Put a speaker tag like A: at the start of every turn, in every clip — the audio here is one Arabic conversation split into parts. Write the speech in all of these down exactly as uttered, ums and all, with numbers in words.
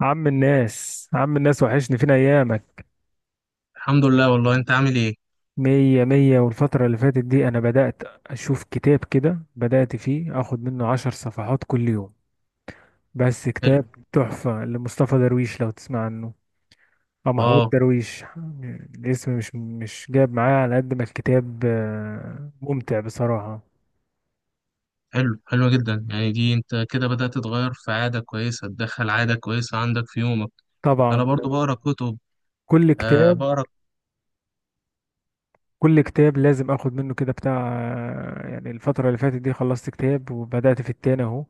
A: عم الناس عم الناس وحشني، فين ايامك؟
B: الحمد لله، والله انت عامل ايه؟
A: مية مية، والفترة اللي فاتت دي انا بدأت اشوف كتاب كده، بدأت فيه اخد منه عشر صفحات كل يوم. بس كتاب
B: حلو.
A: تحفة لمصطفى درويش لو تسمع عنه، او محمود
B: اه.
A: درويش. الاسم مش مش جاب معايا، على قد ما الكتاب آه، ممتع بصراحة.
B: حلو، حلو جدا. يعني دي انت كده بدأت تتغير، في عادة كويسة تدخل عادة كويسة عندك في يومك. انا
A: طبعا.
B: برضو بقرا كتب.
A: كل
B: آه،
A: كتاب
B: بقرا.
A: كل كتاب لازم اخد منه كده بتاع. آه، يعني الفترة اللي فاتت دي خلصت كتاب وبدأت في التاني اهو.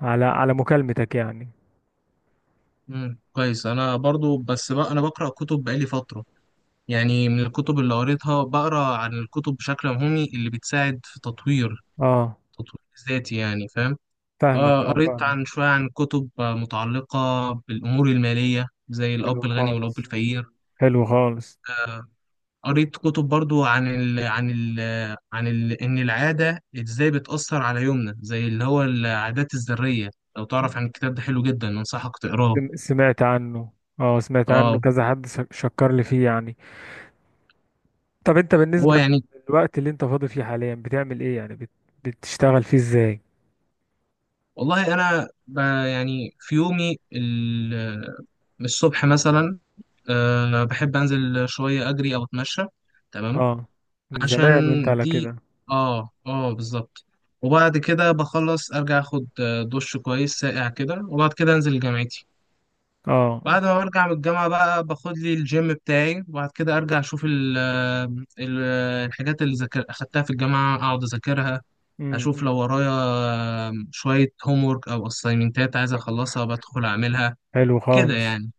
A: على على مكالمتك يعني.
B: مم. كويس. انا برضو، بس بقى انا بقرا كتب بقالي فترة. يعني من الكتب اللي قريتها، بقرا عن الكتب بشكل عمومي اللي بتساعد في تطوير
A: اه
B: تطوير ذاتي، يعني فاهم؟
A: فاهمك،
B: آه
A: اه
B: قريت
A: فاهمك.
B: عن شوية، عن كتب، آه، متعلقة بالأمور المالية، زي
A: حلو
B: الأب الغني والأب
A: خالص،
B: الفقير.
A: حلو خالص.
B: آه، قريت كتب برضو عن ال عن ال عن ال إن العادة إزاي بتأثر على يومنا، زي اللي هو العادات الذرية. لو تعرف عن الكتاب ده، حلو جدا، أنصحك تقراه.
A: سم- سمعت عنه. اه سمعت عنه
B: اه.
A: كذا حد س- شكر لي فيه يعني. طب انت
B: هو
A: بالنسبة
B: يعني،
A: للوقت اللي انت فاضي فيه حاليا بتعمل ايه؟ يعني بت... بتشتغل فيه ازاي؟
B: والله أنا ب يعني في يومي ال- الصبح مثلا، أه بحب أنزل شوية أجري أو أتمشى. تمام.
A: اه. من
B: عشان
A: زمان وانت على
B: دي،
A: كده؟
B: اه، اه، بالظبط. وبعد كده بخلص أرجع أخد آه، دش كويس ساقع كده، وبعد كده أنزل جامعتي.
A: اه.
B: بعد ما برجع من الجامعة بقى باخد لي الجيم بتاعي، وبعد كده أرجع أشوف ال آه، ال آه، الحاجات اللي ذاكر أخدتها في الجامعة، أقعد أذاكرها.
A: امم
B: أشوف لو
A: إمم.
B: ورايا شوية هومورك أو أسايمنتات عايز أخلصها، بدخل أعملها.
A: حلو
B: كده
A: خالص.
B: يعني.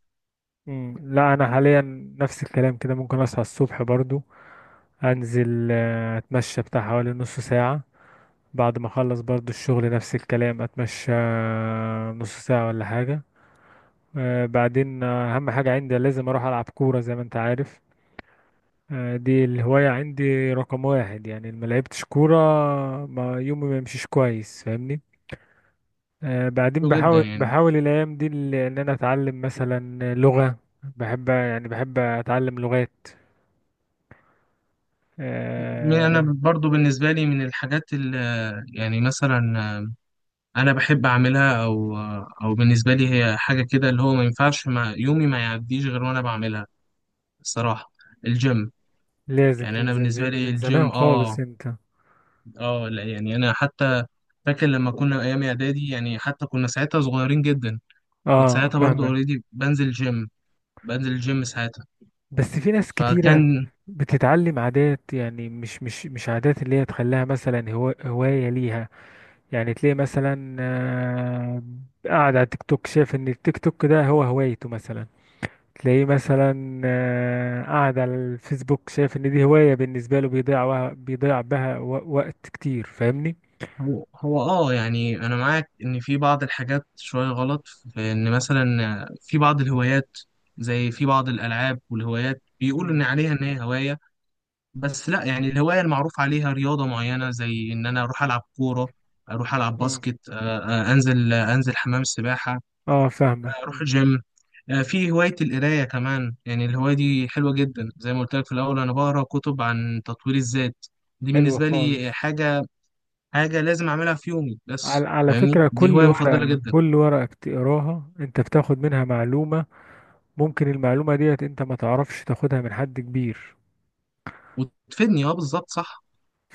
A: امم لا انا حاليا نفس الكلام كده، ممكن اصحى الصبح برضو، انزل آه، اتمشى بتاع حوالي نص ساعة. بعد ما اخلص برضو الشغل، نفس الكلام اتمشى نص ساعة ولا حاجة. آه، بعدين آه، اهم حاجة عندي لازم اروح العب كورة زي ما انت عارف. آه، دي الهواية عندي رقم واحد، يعني ما لعبتش كورة ما يومي ما يمشيش كويس، فاهمني. آه، بعدين
B: حلو جدا
A: بحاول
B: يعني.
A: بحاول الايام دي ال- ان انا اتعلم مثلا لغة. بحب يعني بحب اتعلم لغات.
B: م- أنا
A: آه،
B: برضو بالنسبة لي، من الحاجات اللي يعني مثلا أنا بحب أعملها، أو آه، أو بالنسبة لي هي حاجة كده اللي هو ما ينفعش مع يومي ما يعديش غير وأنا بعملها، الصراحة الجيم.
A: لازم
B: يعني انا
A: تنزل
B: بالنسبه
A: جيم
B: لي
A: من زمان
B: الجيم،
A: خالص
B: اه،
A: انت.
B: اه، لا، يعني انا حتى فاكر لما كنا ايام اعدادي، يعني حتى كنا ساعتها صغيرين جدا. كنت
A: اه
B: ساعتها برضو
A: فاهمك.
B: اوريدي بنزل جيم، بنزل الجيم ساعتها.
A: بس في ناس كتيرة
B: فكان
A: بتتعلم عادات، يعني مش مش مش عادات اللي هي تخليها مثلا هو هواية ليها. يعني تلاقي مثلا آه، قاعد على التيك توك شايف ان التيك توك ده هو هوايته مثلا. تلاقيه مثلا آه، قاعد على الفيسبوك شايف ان دي هواية بالنسبة له، بيضيع وه- بيضيع بها و- وقت كتير، فاهمني؟
B: هو هو اه، يعني انا معاك ان في بعض الحاجات شوية غلط، في ان مثلا في بعض الهوايات، زي في بعض الالعاب والهوايات بيقولوا ان
A: امم.
B: عليها ان هي هواية. بس لا، يعني الهواية المعروف عليها رياضة معينة، زي ان انا اروح العب كورة، اروح العب
A: امم.
B: باسكت، آه، آه، انزل آه، انزل حمام السباحة،
A: اه فاهمك.
B: اروح
A: امم.
B: جيم. آه، في هواية القراية كمان، يعني الهواية دي حلوة جدا زي ما قلت لك في الأول، أنا بقرأ كتب عن تطوير الذات. دي
A: حلو
B: بالنسبة لي
A: خالص.
B: حاجة، حاجة لازم أعملها في يومي،
A: على
B: بس
A: على
B: فاهمني،
A: فكرة،
B: دي
A: كل
B: هواية مفضلة
A: ورقة
B: جدا.
A: كل ورقة بتقراها انت بتاخد منها معلومة، ممكن المعلومة ديت انت ما تعرفش تاخدها من حد كبير،
B: وتفيدني. أه، بالظبط، صح.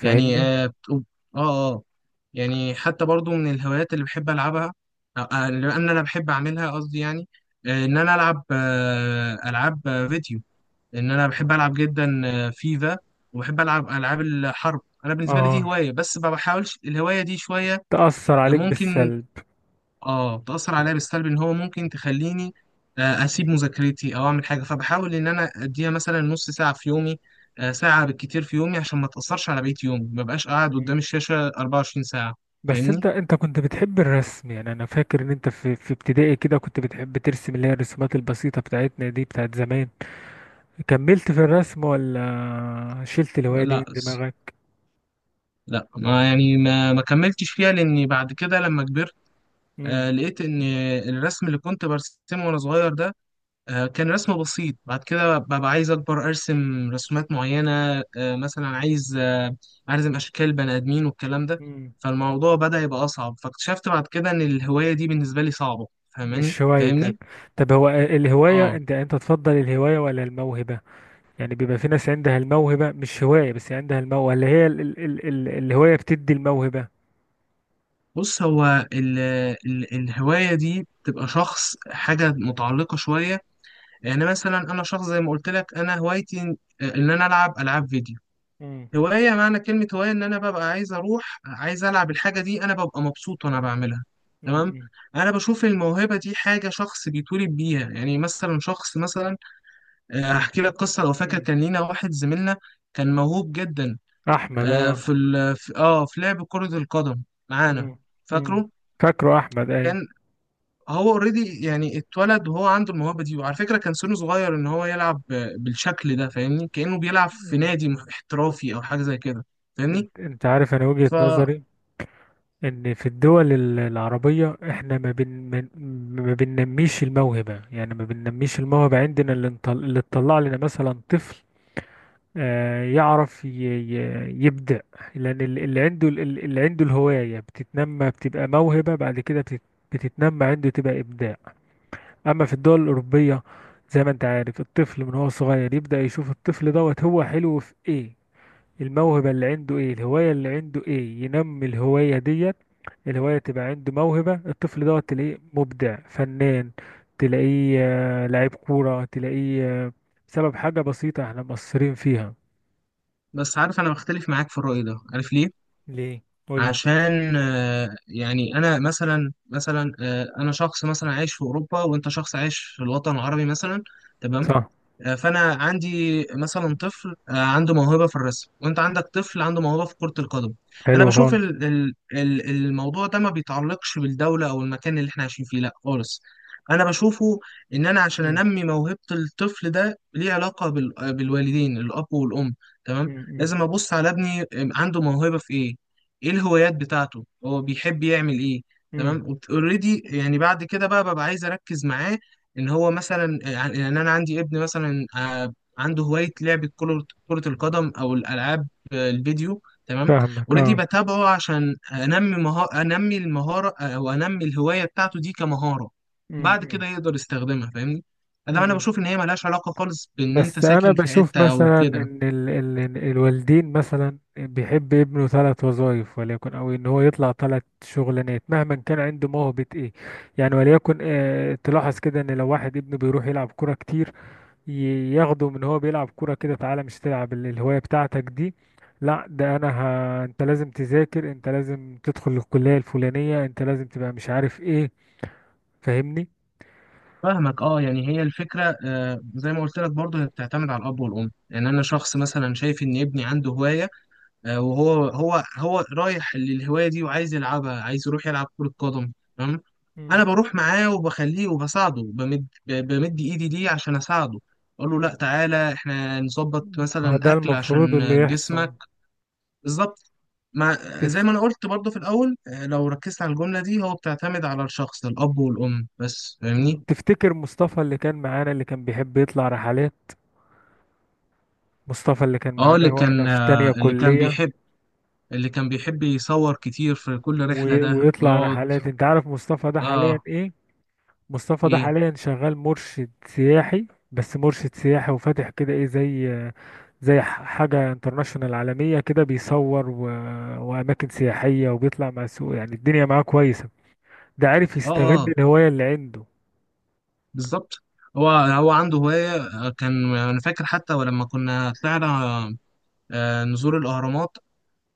B: يعني، أه، بتقول- أه، أه. يعني حتى برضو من الهوايات اللي بحب ألعبها، أو- آه، اللي أنا أنا بحب أعملها، قصدي يعني آه، إن أنا ألعب آه، ألعاب آه، فيديو. لان انا بحب العب جدا، آه، فيفا. وبحب العب العاب الحرب. انا بالنسبه لي دي
A: اه.
B: هوايه، بس ما بحاولش الهوايه دي شويه.
A: تأثر
B: آه،
A: عليك
B: ممكن.
A: بالسلب.
B: اه، تاثر عليا بالسلب ان هو ممكن تخليني آه، اسيب مذاكرتي او اعمل حاجه، فبحاول ان انا اديها مثلا نص ساعه في يومي، آه، ساعه بالكتير في يومي، عشان ما تاثرش على بقيه يومي، ما بقاش قاعد قدام
A: مم.
B: الشاشه أربعة وعشرين ساعه،
A: بس انت
B: فاهمني.
A: انت كنت بتحب الرسم، يعني انا فاكر ان انت في في ابتدائي كده كنت بتحب ترسم، اللي هي الرسومات البسيطة بتاعتنا دي بتاعت زمان. كملت في الرسم ولا شلت الهواية دي
B: لا،
A: من دماغك؟
B: لا، ما يعني ما ما كملتش فيها، لاني بعد كده لما كبرت آه،
A: مم.
B: لقيت ان الرسم اللي كنت برسمه وانا صغير ده، آه، كان رسم بسيط. بعد كده ببقى عايز أكبر أرسم رسومات معينة، آه، مثلا عايز آه، أرسم أشكال بني آدمين والكلام ده.
A: مم.
B: فالموضوع بدأ يبقى أصعب، فاكتشفت بعد كده إن الهواية دي بالنسبة لي صعبة. فاهماني،
A: مش هوايتك.
B: فاهمني.
A: طب هو الهواية،
B: آه.
A: انت انت تفضل الهواية ولا الموهبة؟ يعني بيبقى في ناس عندها الموهبة، مش هواية بس عندها الموهبة، اللي هي ال ال ال ال الهواية بتدي الموهبة.
B: بص، هو ال ال الهواية دي بتبقى شخص، حاجة متعلقة شوية، يعني مثلا أنا شخص زي ما قلت لك، أنا هوايتي إن آه، إن أنا ألعب ألعاب فيديو.
A: مم.
B: هواية، معنى كلمة هواية، إن أنا ببقى عايز أروح، عايز ألعب الحاجة دي، أنا ببقى مبسوط وأنا بعملها. تمام.
A: مم.
B: أنا بشوف الموهبة دي حاجة شخص بيتولد بيها. يعني مثلا شخص مثلا، آه، هحكي لك قصة لو فاكر،
A: مم.
B: كان لينا واحد زميلنا كان موهوب جدا،
A: أحمد.
B: آه،
A: اه.
B: في ال في- آه في لعب كرة القدم معانا.
A: مم. مم.
B: فاكره؟
A: فاكره أحمد أي.
B: كان هو اوريدي يعني اتولد وهو عنده الموهبة دي، وعلى فكرة كان سنه صغير إن هو يلعب آه، بالشكل ده، فاهمني، كأنه بيلعب في
A: مم.
B: نادي احترافي أو حاجة زي كده،
A: انت, انت عارف، أنا وجهة
B: فاهمني.
A: نظري إن في الدول ال- العربية، إحنا ما بن من- ما بننميش الموهبة، يعني ما بننميش الموهبة عندنا، اللي نطل- اللي تطلع لنا مثلا طفل آه، يعرف ي- ي- يبدع، لأن ال- اللي عنده ال- ال- اللي عنده الهواية بتتنمى، بتبقى موهبة بعد كده، بتت- بتتنمى عنده تبقى إبداع. أما في الدول الأوروبية، زي ما أنت عارف، الطفل من هو صغير يبدأ يشوف الطفل دوت هو حلو في إيه، الموهبة اللي عنده إيه، الهواية اللي عنده إيه، ينمي الهواية ديت. الهواية تبقى عنده موهبة، الطفل دوت تلاقيه مبدع فنان، تلاقيه آه، لعيب كورة، تلاقيه آه، بسبب حاجة بسيطة احنا مقصرين فيها.
B: بس عارف، انا بختلف معاك في الرأي ده، عارف ليه؟
A: ليه؟ قول لي.
B: عشان آه، يعني انا مثلا، مثلا آه، انا شخص مثلا عايش في اوروبا، وانت شخص عايش في الوطن العربي مثلا. تمام.
A: صح.
B: آه، فانا عندي مثلا طفل آه، عنده موهبه في الرسم، وانت عندك طفل عنده موهبه في كره القدم. انا
A: حلو
B: بشوف
A: خالص.
B: ال- ال- ال- الموضوع ده ما بيتعلقش بالدوله او المكان اللي احنا عايشين فيه، لا خالص. انا بشوفه ان انا عشان
A: مم.
B: انمي موهبه الطفل ده، ليه علاقه بال- آه، بالوالدين، الاب والام. تمام.
A: مم.
B: لازم ابص على ابني، آم، عنده موهبه في ايه، ايه الهوايات بتاعته، هو بيحب يعمل ايه.
A: مم.
B: تمام. اوريدي يعني بعد كده بقى ببقى عايز اركز معاه، ان هو مثلا، يعني ان انا عندي ابن مثلا آه، عنده هوايه لعبه، كره كرة القدم او الالعاب آه، الفيديو. تمام.
A: فاهمك،
B: اوريدي
A: اه.
B: بتابعه عشان انمي مهارة، انمي المهاره، آه، او انمي الهوايه بتاعته دي كمهاره.
A: مم.
B: بعد
A: مم.
B: كده يقدر يستخدمها، فاهمني. ده انا
A: مم.
B: بشوف ان هي ملهاش علاقه خالص بان انت
A: بس انا
B: ساكن في
A: بشوف
B: حته او
A: مثلا
B: كده.
A: ان ال ال الوالدين مثلا بيحب ابنه ثلاث وظائف، وليكن، او ان هو يطلع ثلاث شغلانات مهما كان عنده موهبة ايه. يعني وليكن، آه تلاحظ كده ان لو واحد ابنه بيروح يلعب كرة كتير، ي- ياخده من هو بيلعب كورة كده، تعالى، مش تلعب ال- الهواية بتاعتك دي، لا ده انا ه... انت لازم تذاكر، انت لازم تدخل الكلية الفلانية، انت لازم تبقى مش عارف ايه، فاهمني.
B: فاهمك، اه، يعني هي الفكره، آه، زي ما قلت لك برضه، هي بتعتمد على الاب والام. يعني انا شخص مثلا شايف ان ابني عنده هوايه، آه، وهو هو هو رايح للهوايه دي، وعايز يلعبها، عايز يروح يلعب كره قدم. تمام.
A: مم.
B: انا بروح معاه وبخليه وبساعده، بمد ب- بمد ايدي ليه عشان اساعده، اقول له:
A: مم.
B: لا، تعالى احنا نظبط
A: ما
B: مثلا
A: ده
B: اكل
A: المفروض
B: عشان
A: اللي يحصل.
B: جسمك. بالظبط. مع زي
A: تف...
B: ما انا قلت برضه في الاول، آه، لو ركزت على الجمله دي، هو بتعتمد على الشخص، الاب والام بس، فاهمني.
A: مم. تفتكر مصطفى اللي كان معانا اللي كان بيحب يطلع رحلات؟ مصطفى اللي كان
B: اه، اللي
A: معانا واحنا
B: كان
A: في
B: آه،
A: تانية
B: اللي كان
A: كلية،
B: بيحب اللي كان بيحب يصور كتير في كل
A: و...
B: رحله ده،
A: ويطلع
B: ويقعد.
A: رحلات، انت عارف مصطفى ده حاليا
B: اه.
A: ايه؟ مصطفى ده
B: ايه.
A: حاليا شغال مرشد سياحي، بس مرشد سياحي وفاتح كده ايه، زي زي ح- حاجة انترناشونال عالمية كده، بيصور و... وأماكن سياحية، وبيطلع مع السوق، يعني الدنيا معاه كويسة. ده عارف
B: اه،
A: يستغل
B: اه،
A: الهواية اللي عنده.
B: بالظبط. هو هو عنده هواية، آه، كان أنا فاكر حتى ولما كنا طلعنا آه، نزور الأهرامات.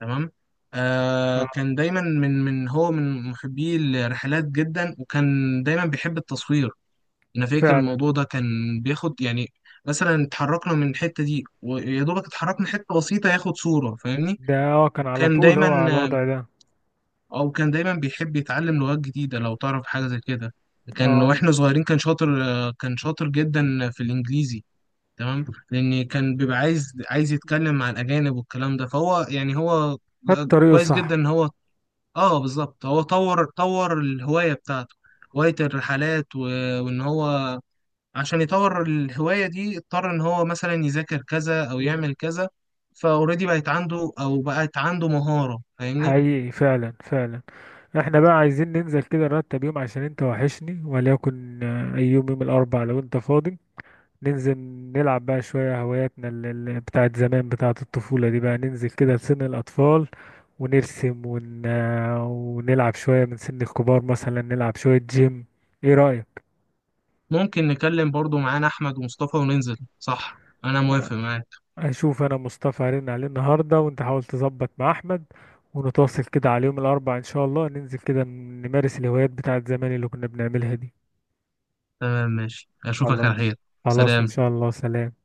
B: تمام. آه، كان
A: اه.
B: دايما، من من هو من محبي الرحلات جدا، وكان دايما بيحب التصوير. أنا فاكر
A: فعلا.
B: الموضوع ده كان بياخد، يعني مثلا اتحركنا من الحتة دي، ويا دوبك اتحركنا حتة بسيطة، ياخد صورة، فاهمني.
A: ده، اه، كان على
B: وكان
A: طول
B: دايما،
A: هو على
B: آه،
A: الوضع ده.
B: أو كان دايما بيحب يتعلم لغات جديدة، لو تعرف حاجة زي كده. كان
A: اه.
B: واحنا صغيرين كان شاطر آه، كان شاطر جدا في الإنجليزي. تمام. لان كان بيبقى عايز عايز يتكلم مع الاجانب والكلام ده، فهو يعني هو
A: خد طريقه
B: كويس جدا
A: صح.
B: ان هو، اه بالظبط، هو طور طور الهوايه بتاعته، هوايه الرحلات، و... وان هو عشان يطور الهوايه دي اضطر ان هو مثلا يذاكر كذا او
A: مم.
B: يعمل كذا. فاوريدي بقت عنده، او بقت عنده مهاره، فاهمني.
A: حقيقي، فعلا فعلا. احنا بقى عايزين ننزل كده نرتب يوم عشان انت وحشني، وليكن آه، اي يوم، يوم الأربع لو انت فاضي، ننزل نلعب بقى شوية هواياتنا اللي بتاعت زمان بتاعت الطفولة دي، بقى ننزل كده لسن الأطفال ونرسم ون... ونلعب شوية من سن الكبار، مثلا نلعب شوية جيم، ايه رأيك؟
B: ممكن نكلم برضو معانا احمد ومصطفى وننزل، صح، انا موافق معاك.
A: أشوف أنا مصطفى هرن عليه النهاردة، وأنت حاول تظبط مع أحمد، ونتواصل كده على يوم الأربعاء إن شاء الله ننزل كده نمارس الهوايات بتاعت زمان اللي كنا بنعملها دي.
B: تمام، ماشي، اشوفك على
A: خلاص.
B: خير.
A: خلاص إن
B: سلام.
A: شاء الله، سلام.